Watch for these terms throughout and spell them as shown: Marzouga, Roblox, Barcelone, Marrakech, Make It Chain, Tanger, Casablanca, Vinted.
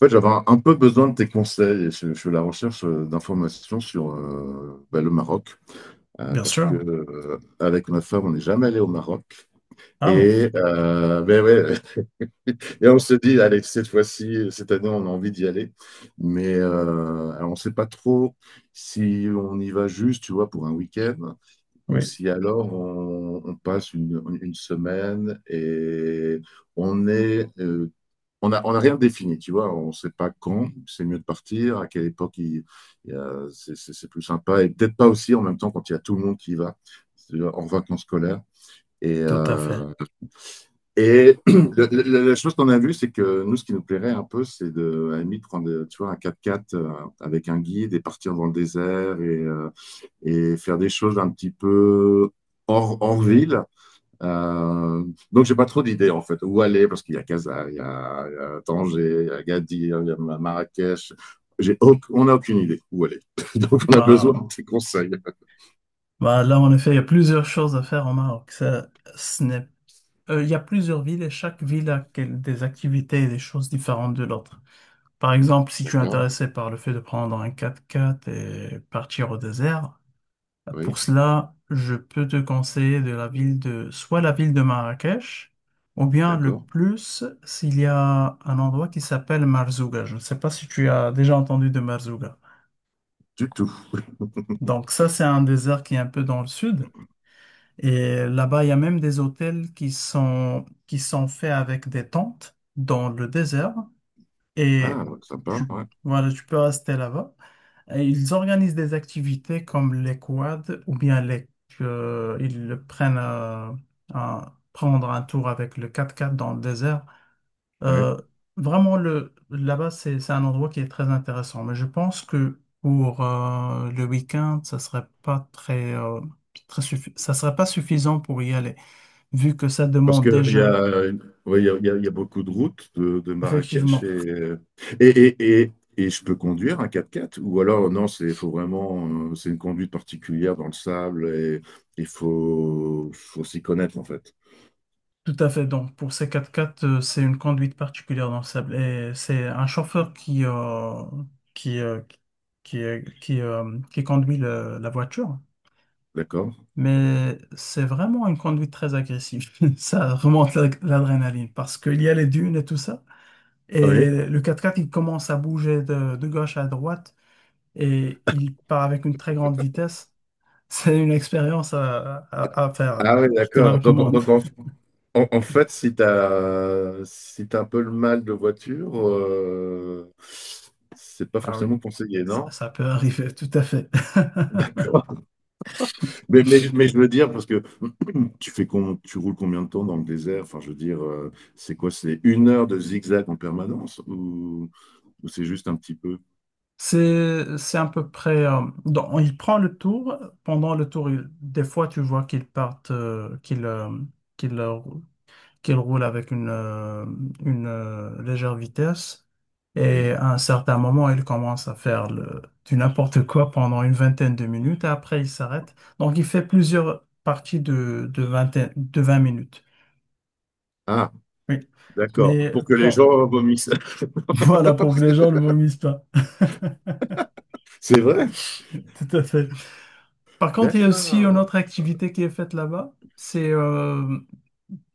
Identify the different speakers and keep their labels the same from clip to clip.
Speaker 1: En fait, j'avais un peu besoin de tes conseils. Je suis à la recherche d'informations sur le Maroc.
Speaker 2: Bien
Speaker 1: Parce que
Speaker 2: sûr.
Speaker 1: avec ma femme, on n'est jamais allé au Maroc.
Speaker 2: Ah bon,
Speaker 1: Et, ben ouais, et on se dit, allez, cette fois-ci, cette année, on a envie d'y aller. Mais alors, on ne sait pas trop si on y va juste, tu vois, pour un week-end, ou
Speaker 2: oui,
Speaker 1: si alors on passe une semaine et on est, on a rien défini, tu vois, on sait pas quand c'est mieux de partir, à quelle époque c'est plus sympa, et peut-être pas aussi en même temps quand il y a tout le monde qui y va, c'est-à-dire en vacances scolaires. Et,
Speaker 2: tout à fait.
Speaker 1: la chose qu'on a vue, c'est que nous, ce qui nous plairait un peu, c'est de, à la limite, prendre, tu vois, un quatre quatre avec un guide et partir dans le désert et faire des choses un petit peu hors ville. Euh, donc, j'ai pas trop d'idées en fait. Où aller? Parce qu'il y a Casa, il y a Tanger, il y a Agadir, il y a Marrakech. On n'a aucune idée où aller. Donc, on a besoin
Speaker 2: Bah,
Speaker 1: de tes conseils.
Speaker 2: bah là, en effet, il y a plusieurs choses à faire au Maroc. Ça, ce n'est- Il y a plusieurs villes et chaque ville a des activités et des choses différentes de l'autre. Par exemple, si tu es
Speaker 1: D'accord?
Speaker 2: intéressé par le fait de prendre un quatre-quatre et partir au désert, bah, pour
Speaker 1: Oui,
Speaker 2: cela, je peux te conseiller de la ville de, soit la ville de Marrakech, ou bien le
Speaker 1: d'accord.
Speaker 2: plus, s'il y a un endroit qui s'appelle Marzouga. Je ne sais pas si tu as déjà entendu de Marzouga.
Speaker 1: Du tout.
Speaker 2: Donc ça, c'est un désert qui est un peu dans le sud. Et là-bas, il y a même des hôtels qui sont faits avec des tentes dans le désert. Et
Speaker 1: Ah, sympa,
Speaker 2: tu,
Speaker 1: ouais.
Speaker 2: voilà, tu peux rester là-bas. Et ils organisent des activités comme les quads ou bien les, ils prennent prendre un tour avec le 4x4 dans le désert.
Speaker 1: Ouais.
Speaker 2: Euh, vraiment, le, là-bas, c'est un endroit qui est très intéressant. Mais je pense que pour le week-end, ça serait pas très, ça serait pas suffisant pour y aller, vu que ça
Speaker 1: Parce
Speaker 2: demande
Speaker 1: qu'il y
Speaker 2: déjà,
Speaker 1: a, ouais, il y a beaucoup de routes de Marrakech
Speaker 2: effectivement,
Speaker 1: et, et, et je peux conduire un quatre-quatre ou alors non, c'est faut vraiment c'est une conduite particulière dans le sable et il faut, faut s'y connaître en fait.
Speaker 2: tout à fait. Donc, pour ces quatre quatre c'est une conduite particulière dans le sable. Et c'est un chauffeur qui, qui, euh, qui, qui, qui conduit la voiture.
Speaker 1: D'accord?
Speaker 2: Mais c'est vraiment une conduite très agressive. Ça remonte l'adrénaline parce qu'il y a les dunes et tout ça.
Speaker 1: Oui.
Speaker 2: Et le quatre quatre il commence à bouger de gauche à droite et il part avec une très grande vitesse. C'est une expérience à, à faire.
Speaker 1: Ah oui,
Speaker 2: Je te la
Speaker 1: d'accord. Donc,
Speaker 2: recommande.
Speaker 1: en fait, si tu as, si t'as un peu le mal de voiture, c'est pas
Speaker 2: Ah oui,
Speaker 1: forcément conseillé,
Speaker 2: ça,
Speaker 1: non?
Speaker 2: ça peut arriver, tout à fait.
Speaker 1: D'accord. Mais je veux dire, parce que tu roules combien de temps dans le désert? Enfin, je veux dire, c'est quoi? C'est une heure de zigzag en permanence ou c'est juste un petit peu?
Speaker 2: C'est à peu près. Donc, il prend le tour. Pendant le tour, des fois, tu vois qu'il partent, qu'il, euh, qu'il roule avec une, légère vitesse. Et
Speaker 1: Oui.
Speaker 2: à un certain moment, il commence à faire du n'importe quoi pendant une vingtaine de minutes. Et après, il s'arrête. Donc, il fait plusieurs parties de, de 20 minutes.
Speaker 1: Ah,
Speaker 2: Oui.
Speaker 1: d'accord.
Speaker 2: Mais
Speaker 1: Pour que les
Speaker 2: bon,
Speaker 1: gens vomissent.
Speaker 2: voilà, pour que les gens ne vomissent pas.
Speaker 1: C'est vrai?
Speaker 2: Tout à fait. Par contre, il y a aussi une
Speaker 1: D'accord.
Speaker 2: autre activité qui est faite là-bas. C'est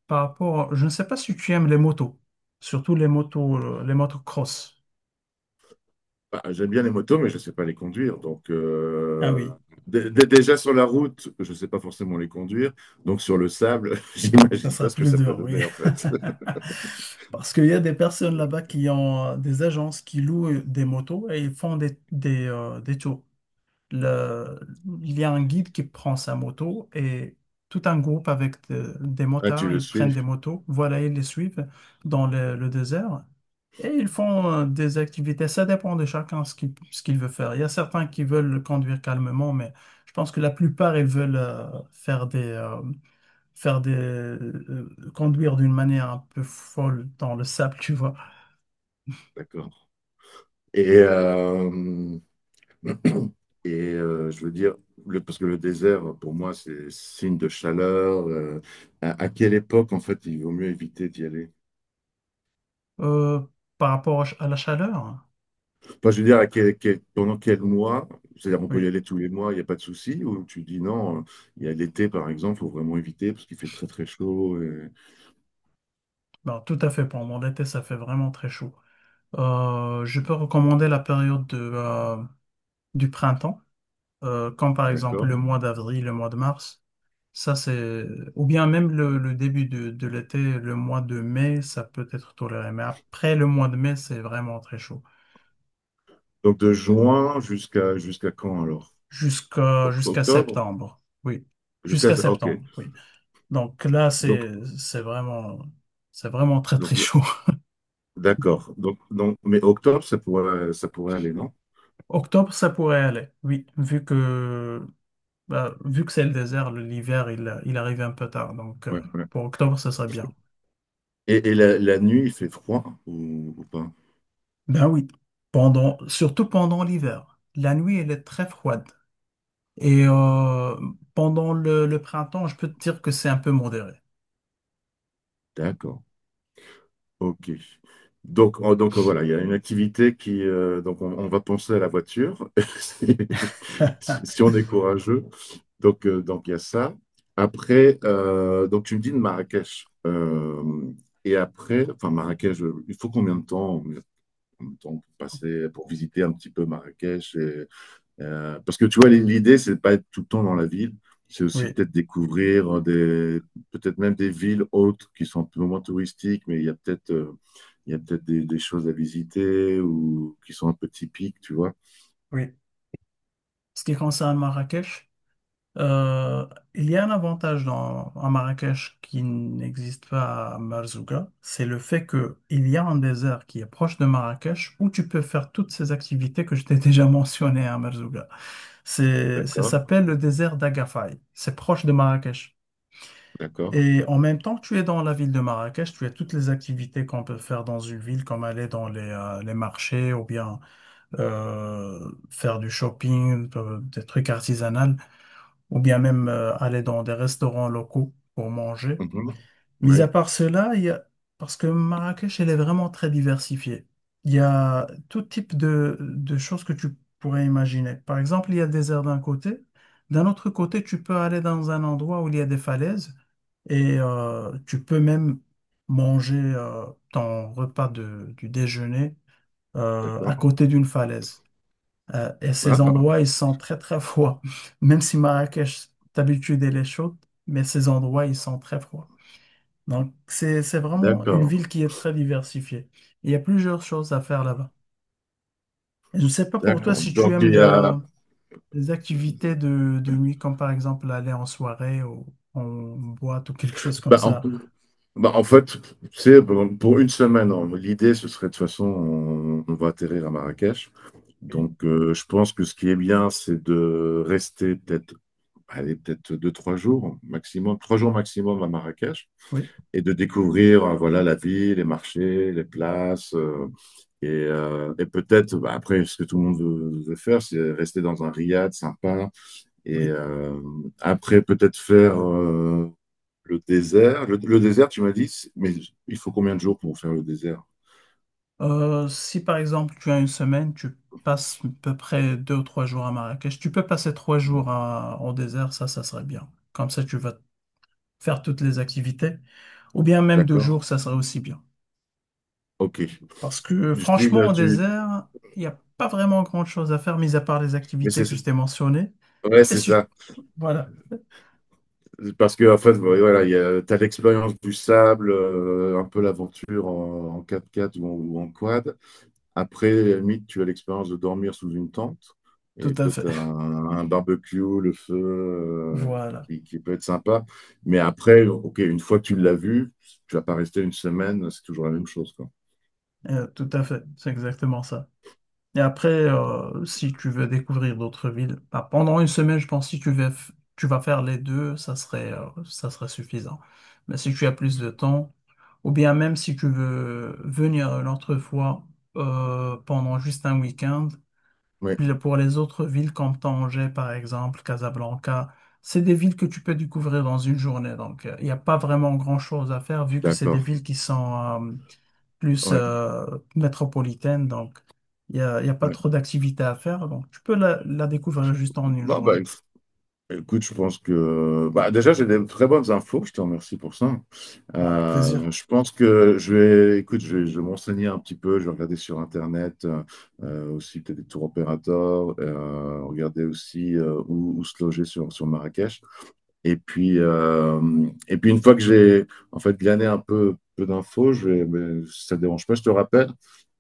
Speaker 2: par rapport, je ne sais pas si tu aimes les motos, surtout les motos cross.
Speaker 1: Bah, j'aime bien les motos, mais je ne sais pas les conduire. Donc,
Speaker 2: Ah oui.
Speaker 1: déjà sur la route, je ne sais pas forcément les conduire. Donc, sur le sable,
Speaker 2: Ça
Speaker 1: j'imagine
Speaker 2: sera
Speaker 1: pas ce que
Speaker 2: plus
Speaker 1: ça peut
Speaker 2: dur, oui.
Speaker 1: donner en fait.
Speaker 2: Parce qu'il y a des personnes là-bas qui ont des agences qui louent des motos et ils font des, des tours. Le- il y a un guide qui prend sa moto et tout un groupe avec des
Speaker 1: Ah, tu
Speaker 2: motards,
Speaker 1: le
Speaker 2: ils prennent
Speaker 1: suis?
Speaker 2: des motos, voilà, ils les suivent dans le désert et ils font des activités. Ça dépend de chacun ce qu'il veut faire. Il y a certains qui veulent conduire calmement, mais je pense que la plupart, ils veulent faire des, euh, faire des conduire d'une manière un peu folle dans le sable, tu vois.
Speaker 1: D'accord. Et, je veux dire, parce que le désert, pour moi, c'est signe de chaleur. À à quelle époque, en fait, il vaut mieux éviter d'y aller?
Speaker 2: Euh, par rapport à la chaleur,
Speaker 1: Enfin, je veux dire, pendant quel mois? C'est-à-dire, on peut y
Speaker 2: oui,
Speaker 1: aller tous les mois, il n'y a pas de souci? Ou tu dis non, il y a l'été, par exemple, il faut vraiment éviter parce qu'il fait très, très chaud.
Speaker 2: ben tout à fait. Pendant l'été, ça fait vraiment très chaud. Je peux recommander la période de, du printemps, comme par exemple
Speaker 1: D'accord?
Speaker 2: le mois d'avril, le mois de mars. Ça, c'est... Ou bien même le début de l'été, le mois de mai, ça peut être toléré. Mais après le mois de mai, c'est vraiment très chaud.
Speaker 1: Donc, de juin jusqu'à quand alors?
Speaker 2: Jusqu'à jusqu'à
Speaker 1: Octobre?
Speaker 2: septembre. Oui.
Speaker 1: Jusqu'à...
Speaker 2: Jusqu'à
Speaker 1: Ok.
Speaker 2: septembre, oui. Donc là,
Speaker 1: Donc,
Speaker 2: c'est vraiment c'est vraiment très très
Speaker 1: donc
Speaker 2: chaud.
Speaker 1: d'accord. Donc, mais octobre, ça pourrait aller, non?
Speaker 2: Octobre, ça pourrait aller. Oui, vu que bah, vu que c'est le désert, l'hiver, il arrive un peu tard. Donc
Speaker 1: Ouais, ouais.
Speaker 2: pour octobre, ça serait bien.
Speaker 1: Et, la nuit, il fait froid ou pas?
Speaker 2: Ben oui. Pendant, surtout pendant l'hiver. La nuit, elle est très froide. Et pendant le printemps, je peux te dire que c'est un peu modéré.
Speaker 1: D'accord. Ok. Donc, voilà, il y a une activité qui... donc on va penser à la voiture, si, si on est courageux. Donc il y a ça. Après, donc tu me dis de Marrakech. Et après, enfin Marrakech, il faut combien de temps pour passer, pour visiter un petit peu Marrakech. Parce que tu vois, l'idée, c'est de pas être tout le temps dans la ville. C'est aussi
Speaker 2: Oui,
Speaker 1: peut-être découvrir des, peut-être même des villes autres qui sont un peu moins touristiques, mais il y a peut-être, il y a peut-être des choses à visiter ou qui sont un peu typiques, tu vois.
Speaker 2: oui. Ce qui concerne Marrakech, euh, il y a un avantage dans, à Marrakech qui n'existe pas à Marzouga, c'est le fait que il y a un désert qui est proche de Marrakech où tu peux faire toutes ces activités que je t'ai déjà mentionnées à Marzouga. C'est, ça
Speaker 1: D'accord,
Speaker 2: s'appelle le désert d'Agafay. C'est proche de Marrakech.
Speaker 1: d'accord.
Speaker 2: Et en même temps que tu es dans la ville de Marrakech, tu as toutes les activités qu'on peut faire dans une ville, comme aller dans les marchés ou bien faire du shopping, des trucs artisanaux, ou bien même aller dans des restaurants locaux pour manger.
Speaker 1: Mhm.
Speaker 2: Mis à
Speaker 1: Oui,
Speaker 2: part cela, il y a... Parce que Marrakech, elle est vraiment très diversifiée. Il y a tout type de choses que tu pourrais imaginer. Par exemple, il y a des airs d'un côté. D'un autre côté, tu peux aller dans un endroit où il y a des falaises et tu peux même manger ton repas du déjeuner à
Speaker 1: d'accord.
Speaker 2: côté d'une falaise. Et ces
Speaker 1: Ah,
Speaker 2: endroits, ils sont très très froids. Même si Marrakech, d'habitude, elle est chaude, mais ces endroits, ils sont très froids. Donc, c'est vraiment une
Speaker 1: d'accord,
Speaker 2: ville qui est très diversifiée. Il y a plusieurs choses à faire là-bas. Et je ne sais pas pour toi
Speaker 1: d'accord.
Speaker 2: si tu
Speaker 1: Donc,
Speaker 2: aimes les activités de nuit, comme par exemple aller en soirée ou en boîte ou quelque chose comme
Speaker 1: bah,
Speaker 2: ça.
Speaker 1: en fait, c'est pour une semaine, hein. L'idée, ce serait de toute façon, on va atterrir à Marrakech.
Speaker 2: Oui,
Speaker 1: Donc, je pense que ce qui est bien, c'est de rester peut-être, allez, peut-être deux, trois jours maximum à Marrakech
Speaker 2: oui.
Speaker 1: et de découvrir, voilà, la ville, les marchés, les places. Et et peut-être, bah, après, ce que tout le monde veut faire, c'est rester dans un riad sympa. Et
Speaker 2: Oui.
Speaker 1: après, peut-être faire le désert. Le désert, tu m'as dit, mais il faut combien de jours pour faire le désert?
Speaker 2: Si par exemple tu as une semaine, tu passes à peu près deux ou trois jours à Marrakech, tu peux passer trois jours au désert, ça serait bien. Comme ça, tu vas faire toutes les activités. Ou bien même deux
Speaker 1: D'accord?
Speaker 2: jours, ça serait aussi bien.
Speaker 1: Ok.
Speaker 2: Parce que
Speaker 1: Du style,
Speaker 2: franchement, au
Speaker 1: tu.
Speaker 2: désert, il n'y a pas vraiment grand-chose à faire, mis à part les
Speaker 1: Mais
Speaker 2: activités
Speaker 1: c'est
Speaker 2: que je t'ai mentionnées.
Speaker 1: ouais,
Speaker 2: Et
Speaker 1: c'est
Speaker 2: si...
Speaker 1: ça.
Speaker 2: Voilà,
Speaker 1: Parce que en fait, ouais, voilà, t'as l'expérience du sable, un peu l'aventure en quatre x ou en quad. Après, à la limite, tu as l'expérience de dormir sous une tente et
Speaker 2: tout à
Speaker 1: peut-être
Speaker 2: fait.
Speaker 1: un barbecue, le feu,
Speaker 2: Voilà,
Speaker 1: qui peut être sympa. Mais après, ok, une fois que tu l'as vu, tu vas pas rester une semaine, c'est toujours la même chose, quoi.
Speaker 2: euh, tout à fait, c'est exactement ça. Et après, si tu veux découvrir d'autres villes, bah, pendant une semaine, je pense, que si tu vas, tu vas faire les deux, ça serait suffisant. Mais si tu as plus de temps, ou bien même si tu veux venir une autre fois pendant juste un week-end,
Speaker 1: Oui,
Speaker 2: puis pour les autres villes comme Tanger, par exemple, Casablanca, c'est des villes que tu peux découvrir dans une journée. Donc, il n'y a pas vraiment grand-chose à faire vu que c'est des
Speaker 1: d'accord.
Speaker 2: villes qui sont, euh, plus
Speaker 1: Ouais,
Speaker 2: métropolitaine, donc il n'y a, il y a pas
Speaker 1: ouais.
Speaker 2: trop d'activités à faire. Donc tu peux la, la découvrir juste en une
Speaker 1: Bon, bah,
Speaker 2: journée.
Speaker 1: écoute, je pense que bah, déjà j'ai des très bonnes infos, je te remercie pour ça.
Speaker 2: Avec plaisir.
Speaker 1: Je pense que je vais, écoute, je vais me un petit peu, je vais regarder sur Internet aussi peut-être des tours opérateurs, regarder aussi où, où se loger sur Marrakech. Et puis, euh, et puis une fois que j'ai en fait glané un peu, peu d'infos, je vais, mais si ça ne dérange pas, je te rappelle.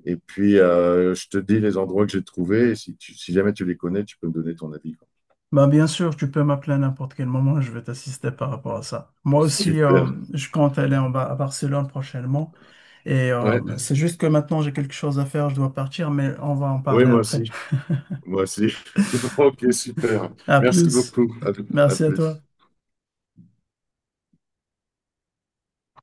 Speaker 1: Et puis je te dis les endroits que j'ai trouvés. Et si, si jamais tu les connais, tu peux me donner ton avis, quoi.
Speaker 2: Bah, bien sûr, tu peux m'appeler à n'importe quel moment, je vais t'assister par rapport à ça. Moi aussi,
Speaker 1: Super.
Speaker 2: je compte aller en bas à Barcelone prochainement. Et
Speaker 1: Ouais.
Speaker 2: c'est juste que maintenant j'ai quelque chose à faire, je dois partir, mais on va en
Speaker 1: Oui,
Speaker 2: parler
Speaker 1: moi
Speaker 2: après.
Speaker 1: aussi. Moi aussi. Ok, super.
Speaker 2: À
Speaker 1: Merci
Speaker 2: plus.
Speaker 1: beaucoup. À
Speaker 2: Merci à toi.
Speaker 1: plus.